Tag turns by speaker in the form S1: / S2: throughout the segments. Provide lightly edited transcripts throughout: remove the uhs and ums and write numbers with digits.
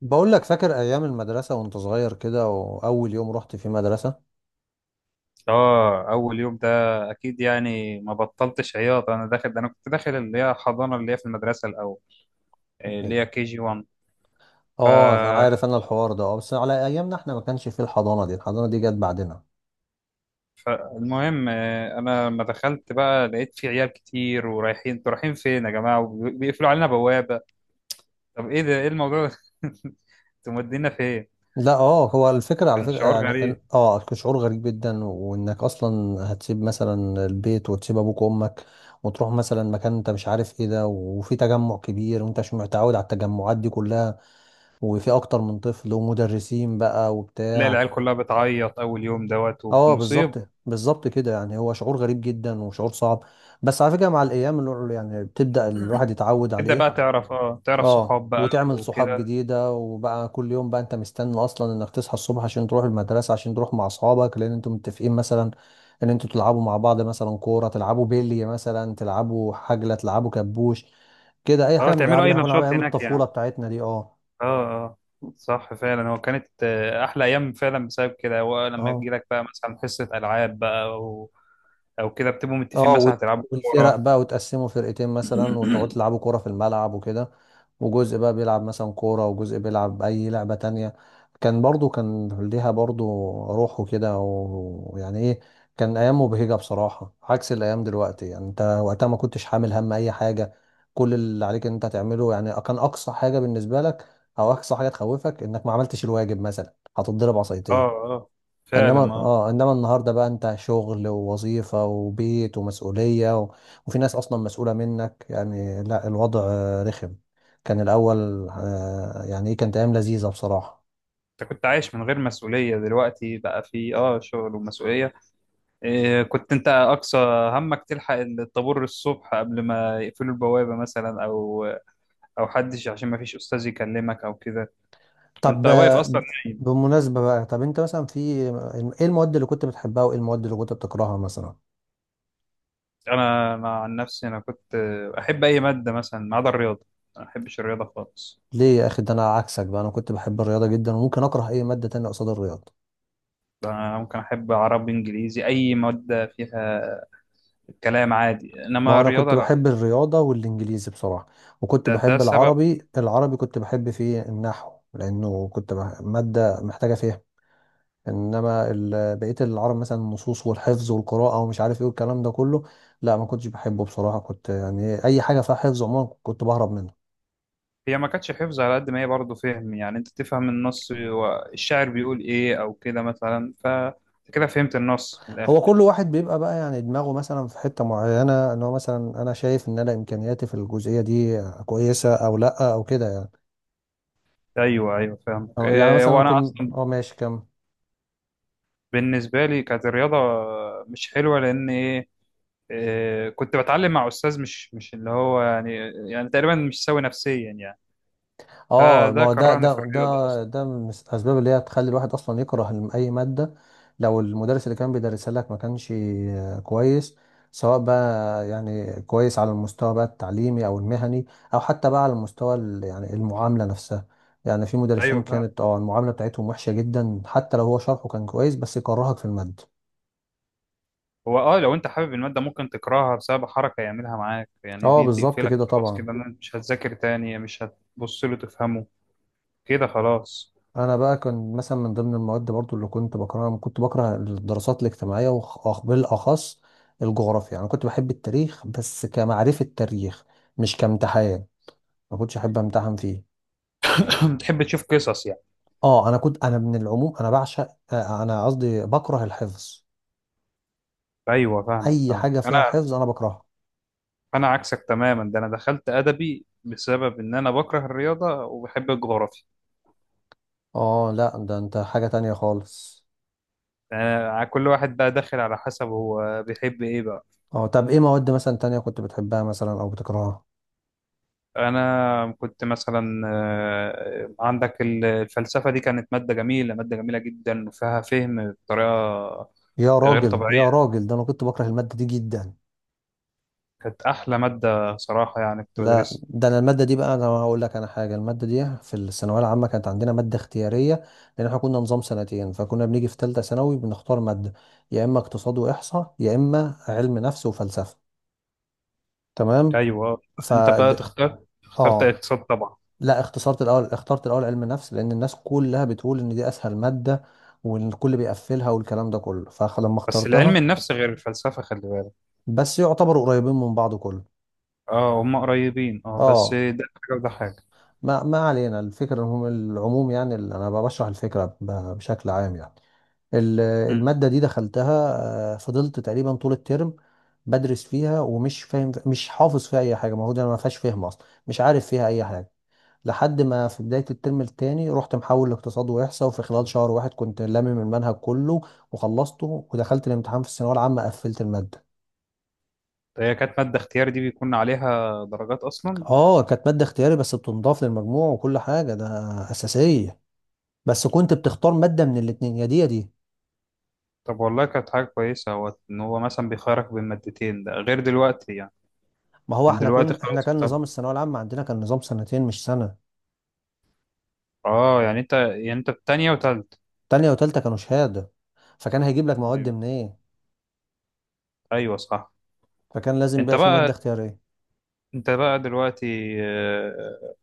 S1: بقول لك، فاكر ايام المدرسه وانت صغير كده، واول يوم رحت في مدرسه؟
S2: اه، اول يوم ده. اكيد يعني ما بطلتش عياط. انا كنت داخل اللي هي حضانه، اللي هي في المدرسه الاول. إيه، اللي هي كي جي 1. ف...
S1: اه، عارف انا الحوار ده. اه بس على ايامنا احنا ما كانش في الحضانه دي. الحضانه دي جت بعدنا.
S2: فالمهم، إيه، انا لما دخلت بقى لقيت في عيال كتير ورايحين. انتوا رايحين فين يا جماعه؟ وبيقفلوا علينا بوابه. طب ايه ده؟ ايه الموضوع ده؟ انتوا مودينا فين؟
S1: لا، هو الفكره، على
S2: كان
S1: فكره
S2: شعور
S1: يعني
S2: غريب.
S1: كان شعور غريب جدا، وانك اصلا هتسيب مثلا البيت وتسيب ابوك وامك، وتروح مثلا مكان انت مش عارف ايه ده، وفي تجمع كبير وانت مش متعود على التجمعات دي كلها، وفي اكتر من طفل ومدرسين بقى
S2: تلاقي
S1: وبتاع.
S2: العيال كلها بتعيط اول يوم دوت
S1: اه، بالظبط
S2: ومصيبه.
S1: بالظبط كده، يعني هو شعور غريب جدا وشعور صعب. بس على فكره مع الايام يعني بتبدا الواحد يتعود
S2: تبدا
S1: عليه.
S2: بقى تعرف
S1: اه،
S2: صحاب بقى
S1: وتعمل صحاب
S2: وكده.
S1: جديده، وبقى كل يوم بقى انت مستني اصلا انك تصحى الصبح عشان تروح المدرسه، عشان تروح مع اصحابك، لان انتوا متفقين مثلا ان انتوا تلعبوا مع بعض، مثلا كوره، تلعبوا بيلي مثلا، تلعبوا حجله، تلعبوا كبوش، كده اي
S2: اه،
S1: حاجه من الالعاب
S2: تعملوا
S1: اللي
S2: اي
S1: احنا كنا بنلعبها
S2: نشاط
S1: ايام
S2: هناك يعني.
S1: الطفوله بتاعتنا دي. اه.
S2: اه. اه. صح فعلا. هو كانت احلى ايام فعلا بسبب كده. هو لما يجي
S1: اه،
S2: لك بقى مثلا حصه العاب بقى، او كده بتبقوا متفقين
S1: اه
S2: مثلا هتلعبوا
S1: والفرق بقى،
S2: كوره.
S1: وتقسموا فرقتين مثلا، وتقعدوا تلعبوا كورة في الملعب وكده. وجزء بقى بيلعب مثلا كورة، وجزء بيلعب أي لعبة تانية. كان برضو، كان ليها برضو روح وكده ويعني ايه، كان أيام مبهجة بصراحة عكس الأيام دلوقتي، يعني انت وقتها ما كنتش حامل هم أي حاجة. كل اللي عليك ان انت تعمله، يعني كان أقصى حاجة بالنسبة لك، أو أقصى حاجة تخوفك، إنك ما عملتش الواجب مثلا هتتضرب
S2: اه.
S1: عصايتين.
S2: اه،
S1: انما
S2: فعلا، اه.
S1: اه انما النهارده بقى انت شغل ووظيفه وبيت ومسؤوليه، و... وفي ناس اصلا مسؤوله منك، يعني لا الوضع رخم. كان الاول يعني ايه، كانت ايام لذيذه بصراحه.
S2: انت كنت عايش من غير مسؤوليه، دلوقتي بقى في شغل ومسؤوليه. إيه، كنت انت اقصى همك تلحق الطابور الصبح قبل ما يقفلوا البوابه مثلا، او حدش عشان ما فيش استاذ يكلمك او كده، وانت
S1: طب
S2: واقف اصلا.
S1: بالمناسبه بقى، طب انت مثلا في ايه المواد اللي كنت بتحبها، وايه المواد اللي كنت بتكرهها مثلا؟
S2: انا عن نفسي انا كنت احب اي ماده مثلا ما عدا الرياضه. أنا ما احبش الرياضه خالص.
S1: ليه يا اخي؟ ده انا عكسك بقى، انا كنت بحب الرياضه جدا، وممكن اكره اي ماده تانية قصاد الرياضه.
S2: انا ممكن احب عربي، انجليزي، اي ماده فيها كلام عادي،
S1: ما
S2: انما
S1: انا كنت
S2: الرياضه لا.
S1: بحب الرياضه والانجليزي بصراحه. وكنت
S2: ده
S1: بحب
S2: سبب.
S1: العربي. العربي كنت بحب فيه النحو، لانه كنت ماده محتاجه فيها. انما بقيه العرب مثلا، النصوص والحفظ والقراءه ومش عارف ايه والكلام ده كله، لا ما كنتش بحبه بصراحه. كنت يعني اي حاجه فيها حفظ عموما كنت بهرب منه.
S2: هي ما كانتش حفظ على قد ما هي برضه فهم، يعني انت تفهم النص والشاعر بيقول ايه او كده مثلا. كده فهمت النص من
S1: هو كل
S2: الاخر.
S1: واحد بيبقى بقى يعني دماغه مثلا في حته معينه، ان هو مثلا انا شايف ان انا امكانياتي في الجزئيه دي كويسه او لا، او كده يعني.
S2: ايوه، ايوه، فاهمك.
S1: أو يعني
S2: إيه،
S1: مثلا
S2: هو
S1: انا
S2: انا
S1: كنت
S2: اصلا
S1: ماشي كمل.
S2: بالنسبة لي كانت الرياضة مش حلوة، لأن إيه، كنت بتعلم مع أستاذ مش اللي هو يعني، يعني تقريبا مش سوي نفسيا يعني.
S1: اه، ما
S2: فده
S1: هو ده
S2: كرهني في
S1: ده
S2: الرياضة
S1: ده
S2: أصلا.
S1: ده من الاسباب اللي هي تخلي الواحد اصلا يكره اي ماده. لو المدرس اللي كان بيدرسها لك ما كانش كويس، سواء بقى يعني كويس على المستوى بقى التعليمي او المهني، او حتى بقى على المستوى يعني المعامله نفسها. يعني في مدرسين
S2: أيوه فاهم.
S1: كانت المعامله بتاعتهم وحشه جدا، حتى لو هو شرحه كان كويس، بس يكرهك في الماده.
S2: هو لو أنت حابب المادة ممكن تكرهها بسبب حركة يعملها معاك، يعني
S1: اه،
S2: دي
S1: بالظبط
S2: تقفلك
S1: كده
S2: خلاص
S1: طبعا.
S2: كده إن أنت مش هتذاكر تاني، مش هتبص له تفهمه. كده خلاص.
S1: انا بقى كان مثلا من ضمن المواد برضو اللي كنت بكرهها، كنت بكره الدراسات الاجتماعيه، بالاخص الجغرافيا. انا كنت بحب التاريخ بس كمعرفه تاريخ، مش كامتحان. ما كنتش احب امتحن فيه.
S2: بتحب تشوف قصص يعني.
S1: اه، انا كنت، انا من العموم انا بعشق، انا قصدي بكره الحفظ.
S2: أيوه فاهمك،
S1: اي
S2: فاهم
S1: حاجه فيها
S2: أنا.
S1: حفظ انا بكرهها.
S2: أنا عكسك تماما، ده أنا دخلت أدبي بسبب إن أنا بكره الرياضة وبحب الجغرافيا.
S1: اه، لا ده انت حاجه تانية خالص.
S2: يعني كل واحد بقى داخل على حسب هو بيحب ايه بقى.
S1: اه، طب ايه مواد مثلا تانية كنت بتحبها مثلا او بتكرهها؟
S2: انا كنت مثلا، عندك الفلسفه دي، كانت ماده جميله، ماده جميله جدا، وفيها فهم بطريقه
S1: يا
S2: غير
S1: راجل يا
S2: طبيعيه.
S1: راجل، ده انا كنت بكره الماده دي جدا.
S2: كانت احلى ماده صراحه، يعني كنت
S1: لا
S2: بدرسها.
S1: ده انا الماده دي بقى، انا هقول لك انا حاجه، الماده دي في الثانويه العامه كانت عندنا ماده اختياريه، لان احنا كنا نظام سنتين، فكنا بنيجي في ثالثه ثانوي بنختار ماده، يا اما اقتصاد واحصاء، يا اما علم نفس وفلسفه. تمام.
S2: ايوه،
S1: ف،
S2: انت بقى اخترت
S1: اه
S2: اقتصاد طبعا.
S1: لا اختصرت الاول، اخترت الاول علم نفس، لان الناس كلها بتقول ان دي اسهل ماده، والكل بيقفلها والكلام ده كله، فلما
S2: بس العلم
S1: اخترتها،
S2: النفس غير الفلسفه، خلي بالك.
S1: بس يعتبروا قريبين من بعض كله.
S2: اه، هم قريبين، اه، بس
S1: اه،
S2: ده حاجه وده حاجه.
S1: ما علينا، الفكرة هم العموم، يعني اللي أنا بشرح الفكرة بشكل عام يعني. ال-
S2: مم.
S1: المادة دي دخلتها، فضلت تقريبا طول الترم بدرس فيها ومش فاهم، مش حافظ فيها أي حاجة، المفروض أنا ما فيهاش فهم أصلا، مش عارف فيها أي حاجة، لحد ما في بداية الترم التاني رحت محول لاقتصاد وإحصاء، وفي خلال شهر واحد كنت لامم المنهج كله وخلصته، ودخلت الامتحان في الثانوية العامة قفلت المادة.
S2: هي كانت ماده اختيار، دي بيكون عليها درجات اصلا.
S1: اه، كانت مادة اختياري بس بتنضاف للمجموع وكل حاجة، ده أساسية، بس كنت بتختار مادة من الاتنين، يا دي يا دي.
S2: طب والله، كانت حاجة كويسة هو إن هو مثلا بيخيرك بين مادتين، ده غير دلوقتي يعني.
S1: ما هو
S2: يعني
S1: احنا
S2: دلوقتي
S1: كنا، احنا
S2: خلاص
S1: كان
S2: أنت،
S1: نظام الثانوية العامة عندنا كان نظام سنتين مش سنة،
S2: آه، يعني أنت في تانية وتالتة.
S1: تانية وتالتة كانوا شهادة، فكان هيجيب لك مواد
S2: أيوه،
S1: منين ايه،
S2: أيوه، صح.
S1: فكان لازم
S2: أنت
S1: بقى في
S2: بقى
S1: مادة اختيارية.
S2: أنت بقى دلوقتي،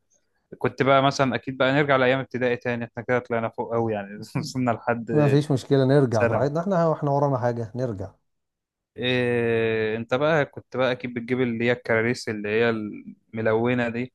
S2: كنت بقى مثلا أكيد بقى نرجع لأيام ابتدائي تاني. إحنا كده طلعنا فوق أوي يعني. وصلنا
S1: ما
S2: لحد
S1: فيش مشكلة نرجع
S2: ثانوي.
S1: براحتنا، احنا احنا ورانا حاجة نرجع.
S2: إيه، أنت بقى كنت بقى أكيد بتجيب اللي هي الكراريس، اللي هي الملونة دي.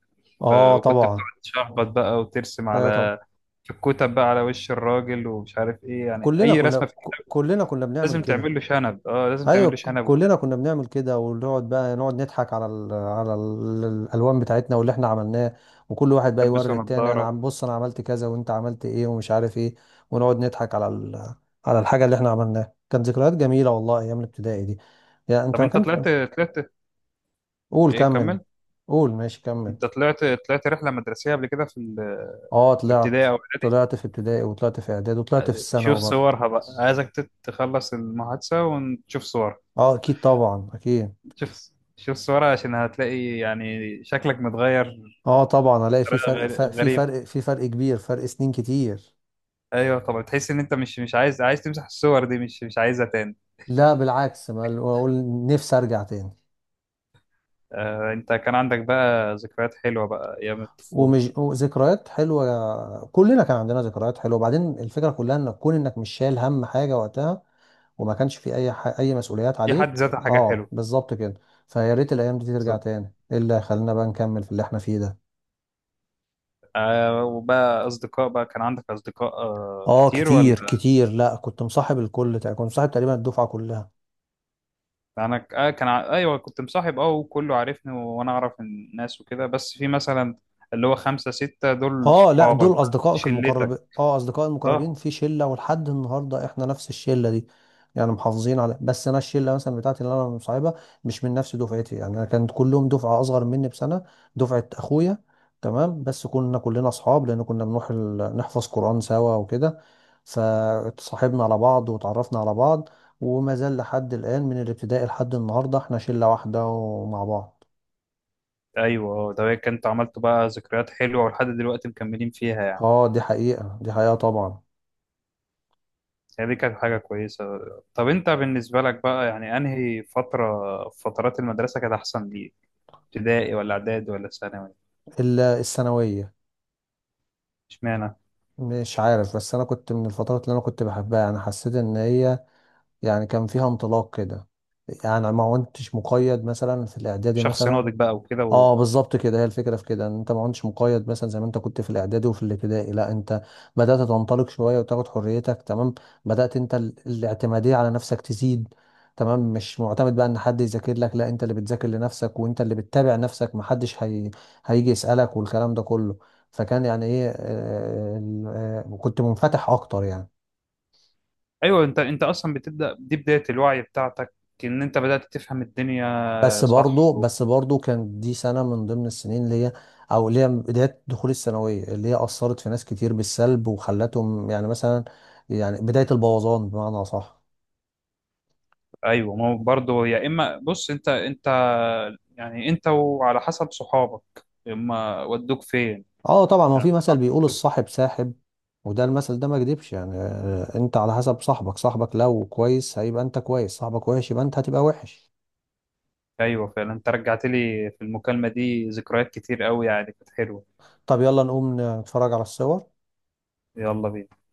S1: اه
S2: وكنت
S1: طبعا.
S2: بتقعد تشخبط بقى وترسم
S1: ايوه طبعا،
S2: على شكوتة بقى على وش الراجل، ومش عارف ايه، يعني اي رسمة في.
S1: كلنا كنا بنعمل
S2: لازم تعمل
S1: كده.
S2: له شنب، اه، لازم
S1: ايوه،
S2: تعمل له شنب وبتاع.
S1: كلنا كنا بنعمل كده، ونقعد بقى نقعد نضحك على ال على ال الالوان بتاعتنا واللي احنا عملناه. وكل واحد بقى
S2: تلبسه
S1: يوري التاني، انا
S2: نظارة.
S1: عم بص انا عملت كذا، وانت عملت ايه ومش عارف ايه، ونقعد نضحك على ال، على الحاجه اللي احنا عملناها. كانت ذكريات جميله والله ايام الابتدائي دي. يعني انت
S2: طب
S1: ما
S2: انت
S1: كنت،
S2: طلعت
S1: قول
S2: ايه،
S1: كمل.
S2: كمل.
S1: قول ماشي كمل.
S2: انت طلعت رحلة مدرسية قبل كده
S1: اه
S2: في
S1: طلعت.
S2: ابتدائي او اعدادي؟
S1: طلعت في ابتدائي وطلعت في اعدادي وطلعت في
S2: شوف
S1: الثانوي برضه.
S2: صورها بقى، عايزك تخلص المحادثة ونشوف صورها.
S1: اه اكيد طبعا، اكيد.
S2: شوف، شوف صورها عشان هتلاقي يعني شكلك متغير
S1: اه طبعا، الاقي في
S2: بطريقة
S1: فرق ف- في
S2: غريب.
S1: فرق في فرق كبير، فرق سنين كتير.
S2: ايوه طبعا، تحس ان انت مش عايز تمسح الصور دي، مش عايزها تاني.
S1: لا بالعكس، ما اقول، نفسي ارجع تاني.
S2: انت كان عندك بقى ذكريات حلوه بقى ايام الطفوله،
S1: ومش ذكريات حلوه، كلنا كان عندنا ذكريات حلوه، وبعدين الفكره كلها ان تكون انك مش شايل هم حاجه وقتها، وما كانش في اي اي مسؤوليات
S2: دي حد
S1: عليك،
S2: ذاتها حاجه
S1: اه
S2: حلوه.
S1: بالظبط كده. فيا ريت الايام دي ترجع
S2: بالظبط.
S1: تاني، ايه اللي خلينا بقى نكمل في اللي احنا فيه ده.
S2: آه، وبقى اصدقاء بقى، كان عندك اصدقاء
S1: اه
S2: كتير ولا؟
S1: كتير كتير، لا كنت مصاحب الكل، كنت مصاحب تقريبا الدفعه كلها.
S2: يعني انا ك- آه كان ع- ايوه كنت مصاحب، اه، وكله عارفني وانا اعرف الناس وكده، بس في مثلا اللي هو خمسه سته، دول
S1: اه لا،
S2: صحابك.
S1: دول اصدقائك المقربين.
S2: شلتك.
S1: اه، اصدقائي المقربين
S2: اه.
S1: في شله، ولحد النهارده احنا نفس الشله دي، يعني محافظين على، بس انا الشله مثلا بتاعتي اللي انا مصاحبها مش من نفس دفعتي، يعني انا كانت كلهم دفعه اصغر مني بسنه، دفعه اخويا. تمام. بس كنا كلنا اصحاب، لان كنا بنروح نحفظ قران سوا وكده، فاتصاحبنا على بعض وتعرفنا على بعض، وما زال لحد الان من الابتدائي لحد النهارده احنا شله واحده ومع بعض.
S2: ايوه. اه، ده كنت عملت بقى ذكريات حلوه ولحد دلوقتي مكملين فيها يعني.
S1: اه، دي حقيقه، دي حقيقه طبعا.
S2: يعني دي كانت حاجه كويسه. طب انت بالنسبه لك بقى، يعني انهي فتره في فترات المدرسه كانت احسن ليك؟ ابتدائي ولا اعدادي ولا ثانوي؟
S1: الا الثانويه.
S2: اشمعنى؟
S1: مش عارف، بس انا كنت من الفترات اللي انا كنت بحبها، انا حسيت ان هي يعني كان فيها انطلاق كده، يعني ما كنتش مقيد مثلا في الاعدادي
S2: شخص
S1: مثلا.
S2: ناضج بقى وكده
S1: اه بالظبط كده، هي الفكره في كده، ان انت ما كنتش مقيد مثلا زي ما انت كنت في الاعدادي وفي الابتدائي، لا انت بدات تنطلق شويه وتاخد حريتك. تمام. بدات انت الاعتماديه على نفسك تزيد. تمام. مش معتمد بقى ان حد يذاكر لك، لا انت اللي بتذاكر لنفسك، وانت اللي بتتابع نفسك، محدش هيجي يسالك والكلام ده كله. فكان يعني ايه، كنت منفتح اكتر يعني.
S2: ايوه، انت اصلا بتبدا، دي بدايه الوعي بتاعتك، ان انت بدات تفهم الدنيا.
S1: بس
S2: صح
S1: برضو بس برضو كان دي سنة من ضمن السنين اللي هي، أو اللي هي بداية دخول الثانوية، اللي هي أثرت في ناس كتير بالسلب وخلتهم يعني مثلا، يعني بداية البوظان بمعنى صح.
S2: ايوه، ما هو برضه، يا اما بص انت يعني انت وعلى حسب صحابك. اما ودوك فين؟
S1: اه طبعا، ما هو في
S2: يعني
S1: مثل بيقول
S2: ودوك-
S1: الصاحب ساحب، وده المثل ده ما كدبش، يعني انت على حسب صاحبك. صاحبك لو كويس هيبقى انت كويس، صاحبك وحش يبقى انت هتبقى وحش.
S2: ايوه فعلا، انت رجعت لي في المكالمه دي ذكريات كتير قوي يعني، كانت حلوه.
S1: طب يلا نقوم نتفرج على الصور.
S2: يلا بينا.